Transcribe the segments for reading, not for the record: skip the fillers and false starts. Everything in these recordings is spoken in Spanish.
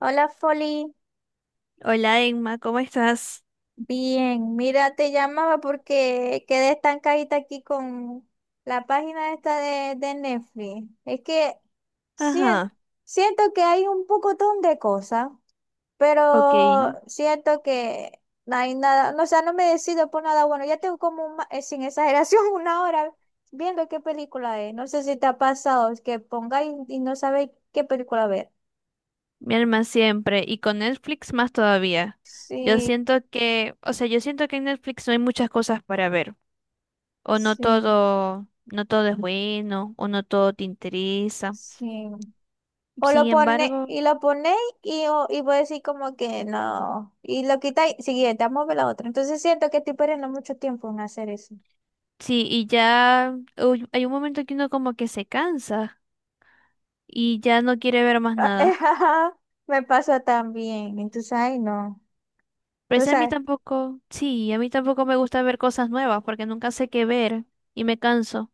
Hola, Folly. Hola Emma, ¿cómo estás? Bien, mira, te llamaba porque quedé estancadita aquí con la página esta de Netflix. Es que sien- Ajá, siento que hay un pocotón de cosas, ok. pero siento que no hay nada, no, o sea, no me decido por nada bueno. Ya tengo como, sin exageración, una hora viendo qué película es. No sé si te ha pasado es que pongáis y no sabéis qué película ver. Mi alma siempre. Y con Netflix más todavía. Yo Sí, siento que, o sea, yo siento que en Netflix no hay muchas cosas para ver. O no sí, todo, no todo es bueno, o no todo te interesa. sí. O Sin lo pone, embargo, y lo ponéis y, y vos decir como que no. Y lo quitáis, siguiente, vamos a ver la otra. Entonces siento que estoy perdiendo mucho tiempo en hacer eso. sí, y ya uy, hay un momento que uno como que se cansa y ya no quiere ver más Ah, nada. ajá. Me pasa también. Entonces, ay, no. Pero es a mí Entonces, tampoco, sí, a mí tampoco me gusta ver cosas nuevas porque nunca sé qué ver y me canso.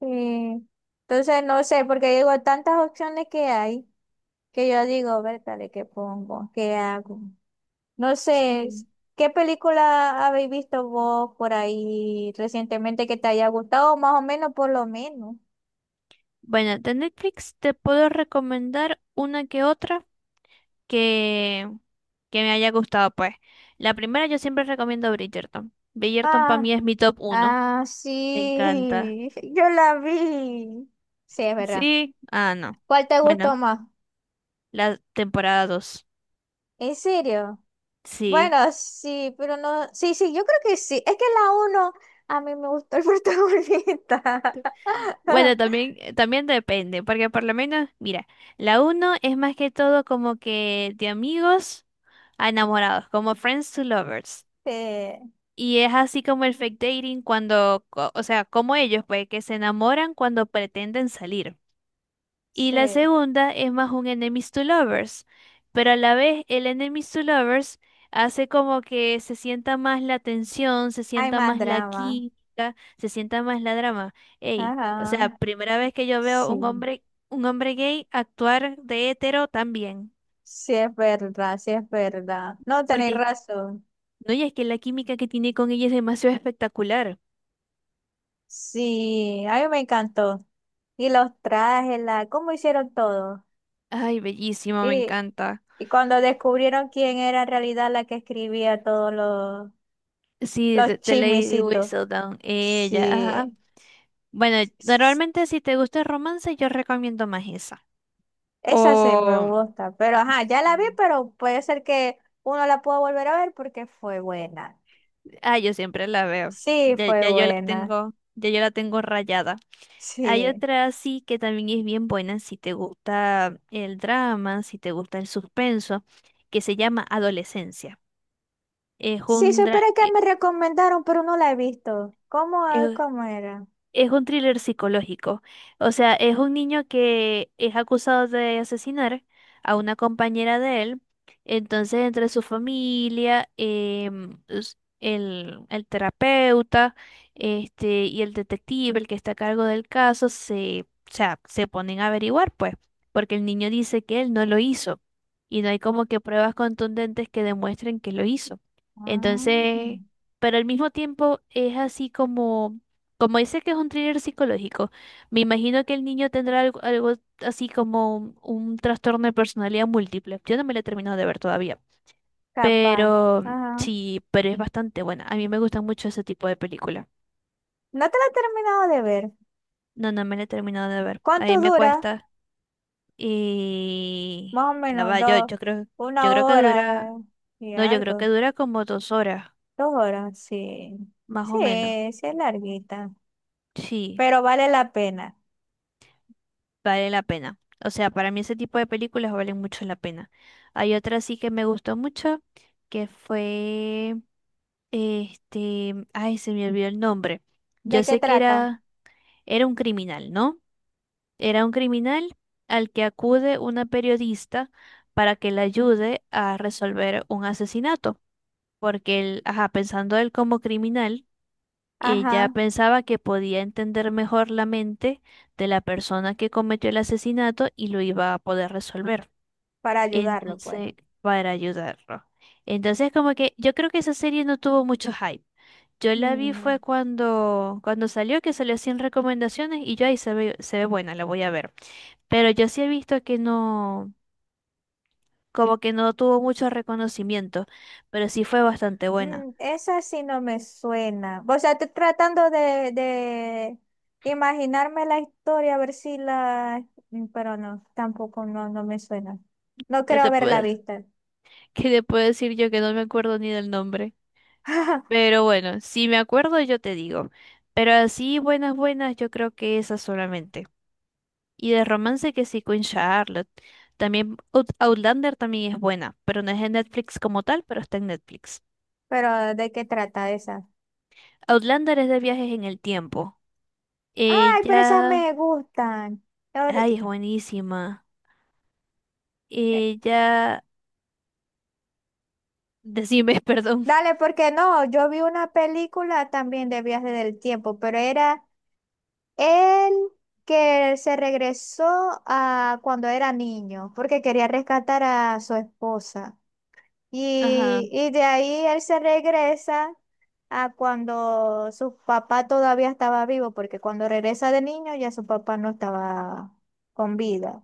sí. Entonces, no sé, porque digo, tantas opciones que hay que yo digo, ¿de ¿qué pongo? ¿Qué hago? No sé, Sí. ¿Qué película habéis visto vos por ahí recientemente que te haya gustado? Más o menos, por lo menos. Bueno, de Netflix te puedo recomendar una que otra que, que me haya gustado, pues. La primera yo siempre recomiendo Bridgerton. Bridgerton para Ah. mí es mi top uno. Ah, Me encanta. sí, yo la vi. Sí, es verdad. Sí, ah, no. ¿Cuál te Bueno, gustó más? la temporada 2. ¿En serio? Bueno, Sí. sí, pero no. Sí, sí, yo creo que sí. Es que la uno, a mí me gustó el protagonista. Bueno, también, depende, porque por lo menos, mira, la uno es más que todo como que de amigos a enamorados, como Friends to Lovers. Sí, Y es así como el fake dating cuando, o sea, como ellos, pues, que se enamoran cuando pretenden salir. Y la sí. segunda es más un enemies to lovers, pero a la vez el enemies to lovers hace como que se sienta más la tensión, se Hay sienta más más la drama. química, se sienta más la drama. Ey, o Ajá. sea, primera vez que yo veo Sí, un hombre gay actuar de hetero también, sí, es verdad, sí, es verdad. No tenéis porque razón. no, y es que la química que tiene con ella es demasiado espectacular. Sí, a mí me encantó. Y los trajes, la, cómo hicieron todo. Ay, bellísimo, me y encanta. y cuando descubrieron quién era en realidad la que escribía todos los, Sí, de, los de Lady chismicitos. Whistledown, ella, ajá. Sí, Bueno, s- normalmente si te gusta el romance, yo recomiendo más esa. esa sí me O, gusta, pero ajá, ya la vi, pero puede ser que uno la pueda volver a ver porque fue buena. ah, yo siempre la veo. Sí, Ya, fue ya yo la buena. tengo, ya yo la tengo rayada. Hay Sí. otra sí que también es bien buena si te gusta el drama, si te gusta el suspenso, que se llama Adolescencia. Es Sí, un dra- supiera que eh, me recomendaron, pero no la he visto. ¿Cómo, ah, eh, cómo era? Es un thriller psicológico. O sea, es un niño que es acusado de asesinar a una compañera de él. Entonces, entre su familia, el terapeuta, este, y el detective, el que está a cargo del caso, se, o sea, se ponen a averiguar, pues, porque el niño dice que él no lo hizo. Y no hay como que pruebas contundentes que demuestren que lo hizo. Entonces, Mm, pero al mismo tiempo es así como como dice que es un thriller psicológico, me imagino que el niño tendrá algo así como un trastorno de personalidad múltiple. Yo no me la he terminado de ver todavía, capaz. pero Ajá. sí, pero es bastante buena. A mí me gusta mucho ese tipo de película. No te la he terminado de ver. No, no me la he terminado de ver. A mí ¿Cuánto me dura? cuesta y Más o ya menos va, yo, dos, yo creo, yo una creo que hora dura, y no, yo creo que algo, dura como 2 horas, 2 horas, sí. más Sí, o menos. sí es larguita, Sí. pero vale la pena. Vale la pena. O sea, para mí ese tipo de películas valen mucho la pena. Hay otra sí que me gustó mucho, que fue, este, ay, se me olvidó el nombre. Yo ¿De qué sé que trata? era, era un criminal, ¿no? Era un criminal al que acude una periodista para que le ayude a resolver un asesinato, porque él, ajá, pensando él como criminal ella Ajá, pensaba que podía entender mejor la mente de la persona que cometió el asesinato y lo iba a poder resolver. para ayudarlo, pues. Entonces, para ayudarlo. Entonces, como que yo creo que esa serie no tuvo mucho hype. Yo la vi fue Mm, cuando, cuando salió, que salió sin recomendaciones y yo ahí se ve buena, la voy a ver. Pero yo sí he visto que no, como que no tuvo mucho reconocimiento, pero sí fue bastante buena. mm, esa sí no me suena. O sea, estoy tratando de imaginarme la historia, a ver si la... Mm, pero no, tampoco no, no me suena. No ¿Qué creo te haberla puedo, visto. qué te puedo decir yo que no me acuerdo ni del nombre? Pero bueno, si me acuerdo yo te digo. Pero así buenas, buenas, yo creo que esas solamente. Y de romance que sí, Queen Charlotte. También Outlander también es buena, pero no es en Netflix como tal, pero está en Netflix. Pero ¿de qué trata esa? Outlander es de viajes en el tiempo. Ay, pero esas Ella, me gustan. Ahora- ay, es buenísima. eh, Ella, decime, perdón. Dale, porque no, yo vi una película también de viaje del tiempo, pero era él que se regresó a cuando era niño, porque quería rescatar a su esposa. Ajá, Y de ahí él se regresa a cuando su papá todavía estaba vivo, porque cuando regresa de niño ya su papá no estaba con vida.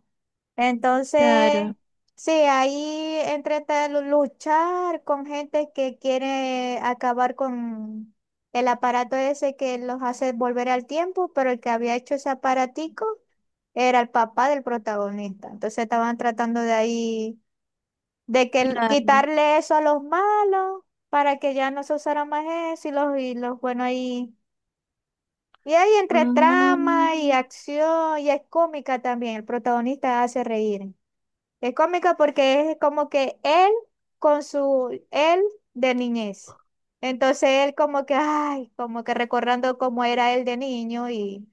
Entonces, claro, sí, ahí entre tal luchar con gente que quiere acabar con el aparato ese que los hace volver al tiempo, pero el que había hecho ese aparatico era el papá del protagonista. Entonces estaban tratando de ahí, de que el- claro. quitarle eso a los malos para que ya no se usara más eso y los buenos ahí. Y ahí entre Ah, trama y acción, y es cómica también, el protagonista hace reír. Es cómica porque es como que él con su él de niñez. Entonces él como que, ay, como que recordando cómo era él de niño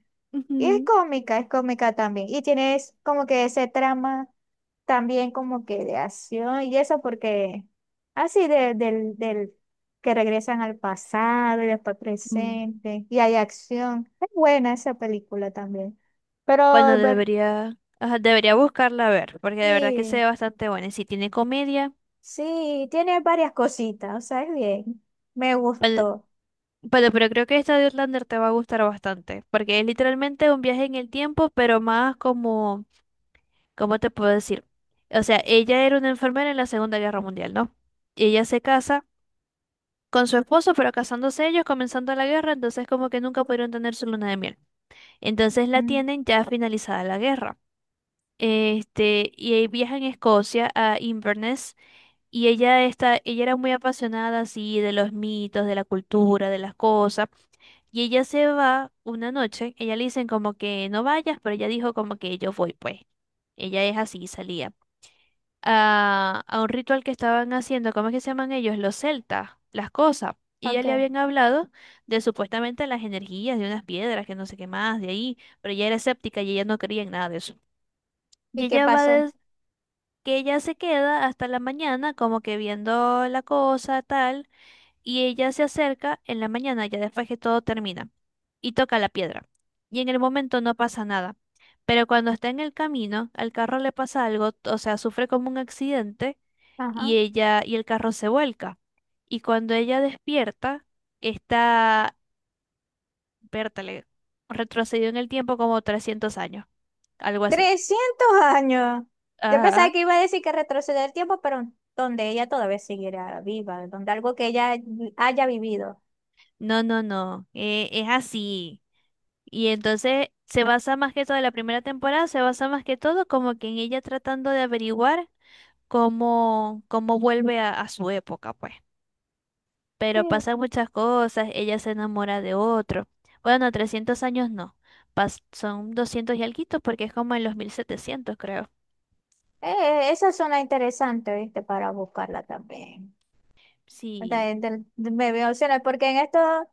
y es cómica también. Y tienes como que ese trama también como que de acción y eso porque así del que regresan al pasado y después ujú. presente y hay acción. Es buena esa película también. Pero, Bueno, ver, debería, ajá, debería buscarla a ver, porque de verdad que se sí. ve bastante buena. Y si tiene comedia, Sí, tiene varias cositas, o sea, es bien. Me bueno, gustó. bueno, pero creo que esta de Outlander te va a gustar bastante, porque es literalmente un viaje en el tiempo, pero más como, ¿cómo te puedo decir? O sea, ella era una enfermera en la Segunda Guerra Mundial, ¿no? Y ella se casa con su esposo, pero casándose ellos, comenzando la guerra, entonces como que nunca pudieron tener su luna de miel. Entonces la Mm, tienen ya finalizada la guerra. Este, y ahí viaja en Escocia a Inverness. Y ella está, ella era muy apasionada así de los mitos, de la cultura, de las cosas. Y ella se va una noche, ella le dicen como que no vayas, pero ella dijo como que yo voy, pues. Ella es así, salía. A un ritual que estaban haciendo, ¿cómo es que se llaman ellos? Los celtas, las cosas. Y ya ok, le habían hablado de supuestamente las energías de unas piedras, que no sé qué más, de ahí. Pero ella era escéptica y ella no creía en nada de eso. Y ¿y qué ella pasó? Que ella se queda hasta la mañana como que viendo la cosa, tal y ella se acerca en la mañana, ya después que todo termina, y toca la piedra. Y en el momento no pasa nada. Pero cuando está en el camino, al carro le pasa algo, o sea, sufre como un accidente Ajá. y ella y el carro se vuelca. Y cuando ella despierta, está, vértale, retrocedió en el tiempo como 300 años, algo así. 300 años. Yo pensaba Ajá. que iba a decir que retroceder el tiempo, pero donde ella todavía siguiera viva, donde algo que ella haya vivido. No, no, no, es así. Y entonces se basa más que todo, la primera temporada se basa más que todo como que en ella tratando de averiguar cómo vuelve a su época, pues. Sí, Pero pasan muchas cosas, ella se enamora de otro. Bueno, 300 años no, son 200 y alguito porque es como en los 1700 creo. Esa zona interesante, ¿viste? Para buscarla también. Sí, De- me veo opciones, porque en estos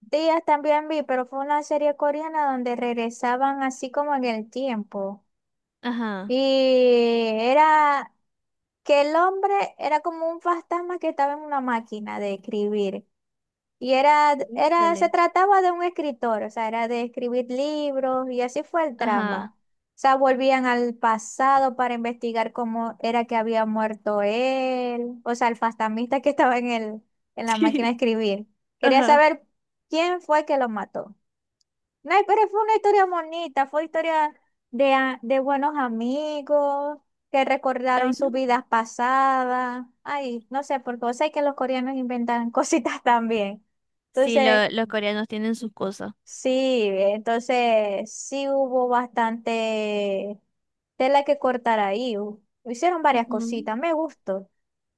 días también vi, pero fue una serie coreana donde regresaban así como en el tiempo. ajá. Y era que el hombre era como un fantasma que estaba en una máquina de escribir. Y Miércoles. se trataba de un escritor, o sea, era de escribir libros y así fue el Ajá. trama. O sea, volvían al pasado para investigar cómo era que había muerto él, o sea, el fantasmista que estaba en el, en la máquina Sí, de escribir. Quería ajá. saber quién fue que lo mató. No, pero fue una historia bonita, fue historia de buenos amigos que recordaron Ay, sus no. vidas pasadas. Ay, no sé, porque vos sabés que los coreanos inventan cositas también. Sí, Entonces, los coreanos tienen sus cosas. sí, entonces sí hubo bastante tela que cortar ahí. Hicieron varias Ujú. cositas, me gustó.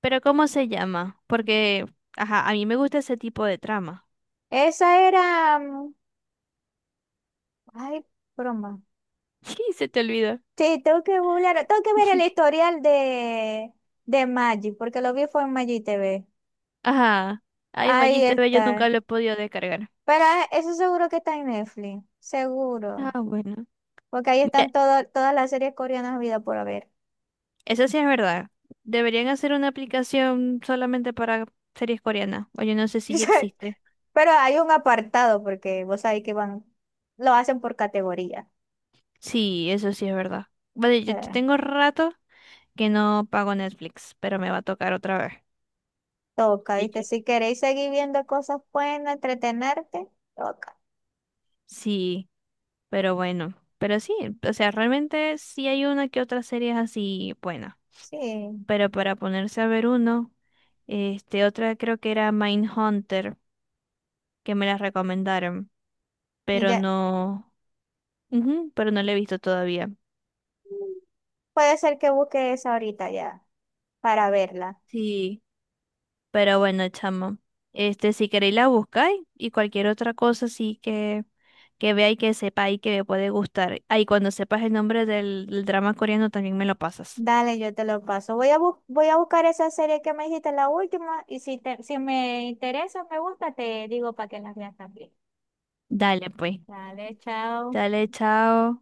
Pero ¿cómo se llama? Porque, ajá, a mí me gusta ese tipo de trama. Esa era, mm, ay, broma. Sí, se te olvidó. Sí, tengo que googlear, tengo que ver el historial de Magic, porque lo vi fue en Magic TV. Ajá. Ay, Ahí Magiste ve, yo está. nunca lo he podido descargar. Pero ah, eso seguro que está en Netflix, seguro. Ah, bueno. Porque ahí Mira, están todas las series coreanas vida por haber. eso sí es verdad. Deberían hacer una aplicación solamente para series coreanas. O yo no sé si ya existe. Pero hay un apartado, porque vos sabés que van, lo hacen por categoría. Sí, eso sí es verdad. Vale, yo Eh, tengo rato que no pago Netflix, pero me va a tocar otra vez. toca, ¿Y ¿viste? yo? Si queréis seguir viendo cosas buenas, entretenerte, toca. Sí, pero bueno. Pero sí, o sea, realmente sí hay una que otra serie así buena. Sí, Pero para ponerse a ver uno, este, otra creo que era Mindhunter, que me la recomendaron, y pero ya. no, ujú, pero no la he visto todavía. Puede ser que busque esa ahorita ya, para verla. Sí. Pero bueno, chamo, este, si queréis la buscáis y cualquier otra cosa sí que vea y que sepa y que me puede gustar. Ahí cuando sepas el nombre del drama coreano también me lo pasas. Dale, yo te lo paso. Voy a, voy a buscar esa serie que me dijiste, la última, y si, si me interesa, me gusta, te digo para que las veas también. Dale, pues. Dale, chao. Dale, chao.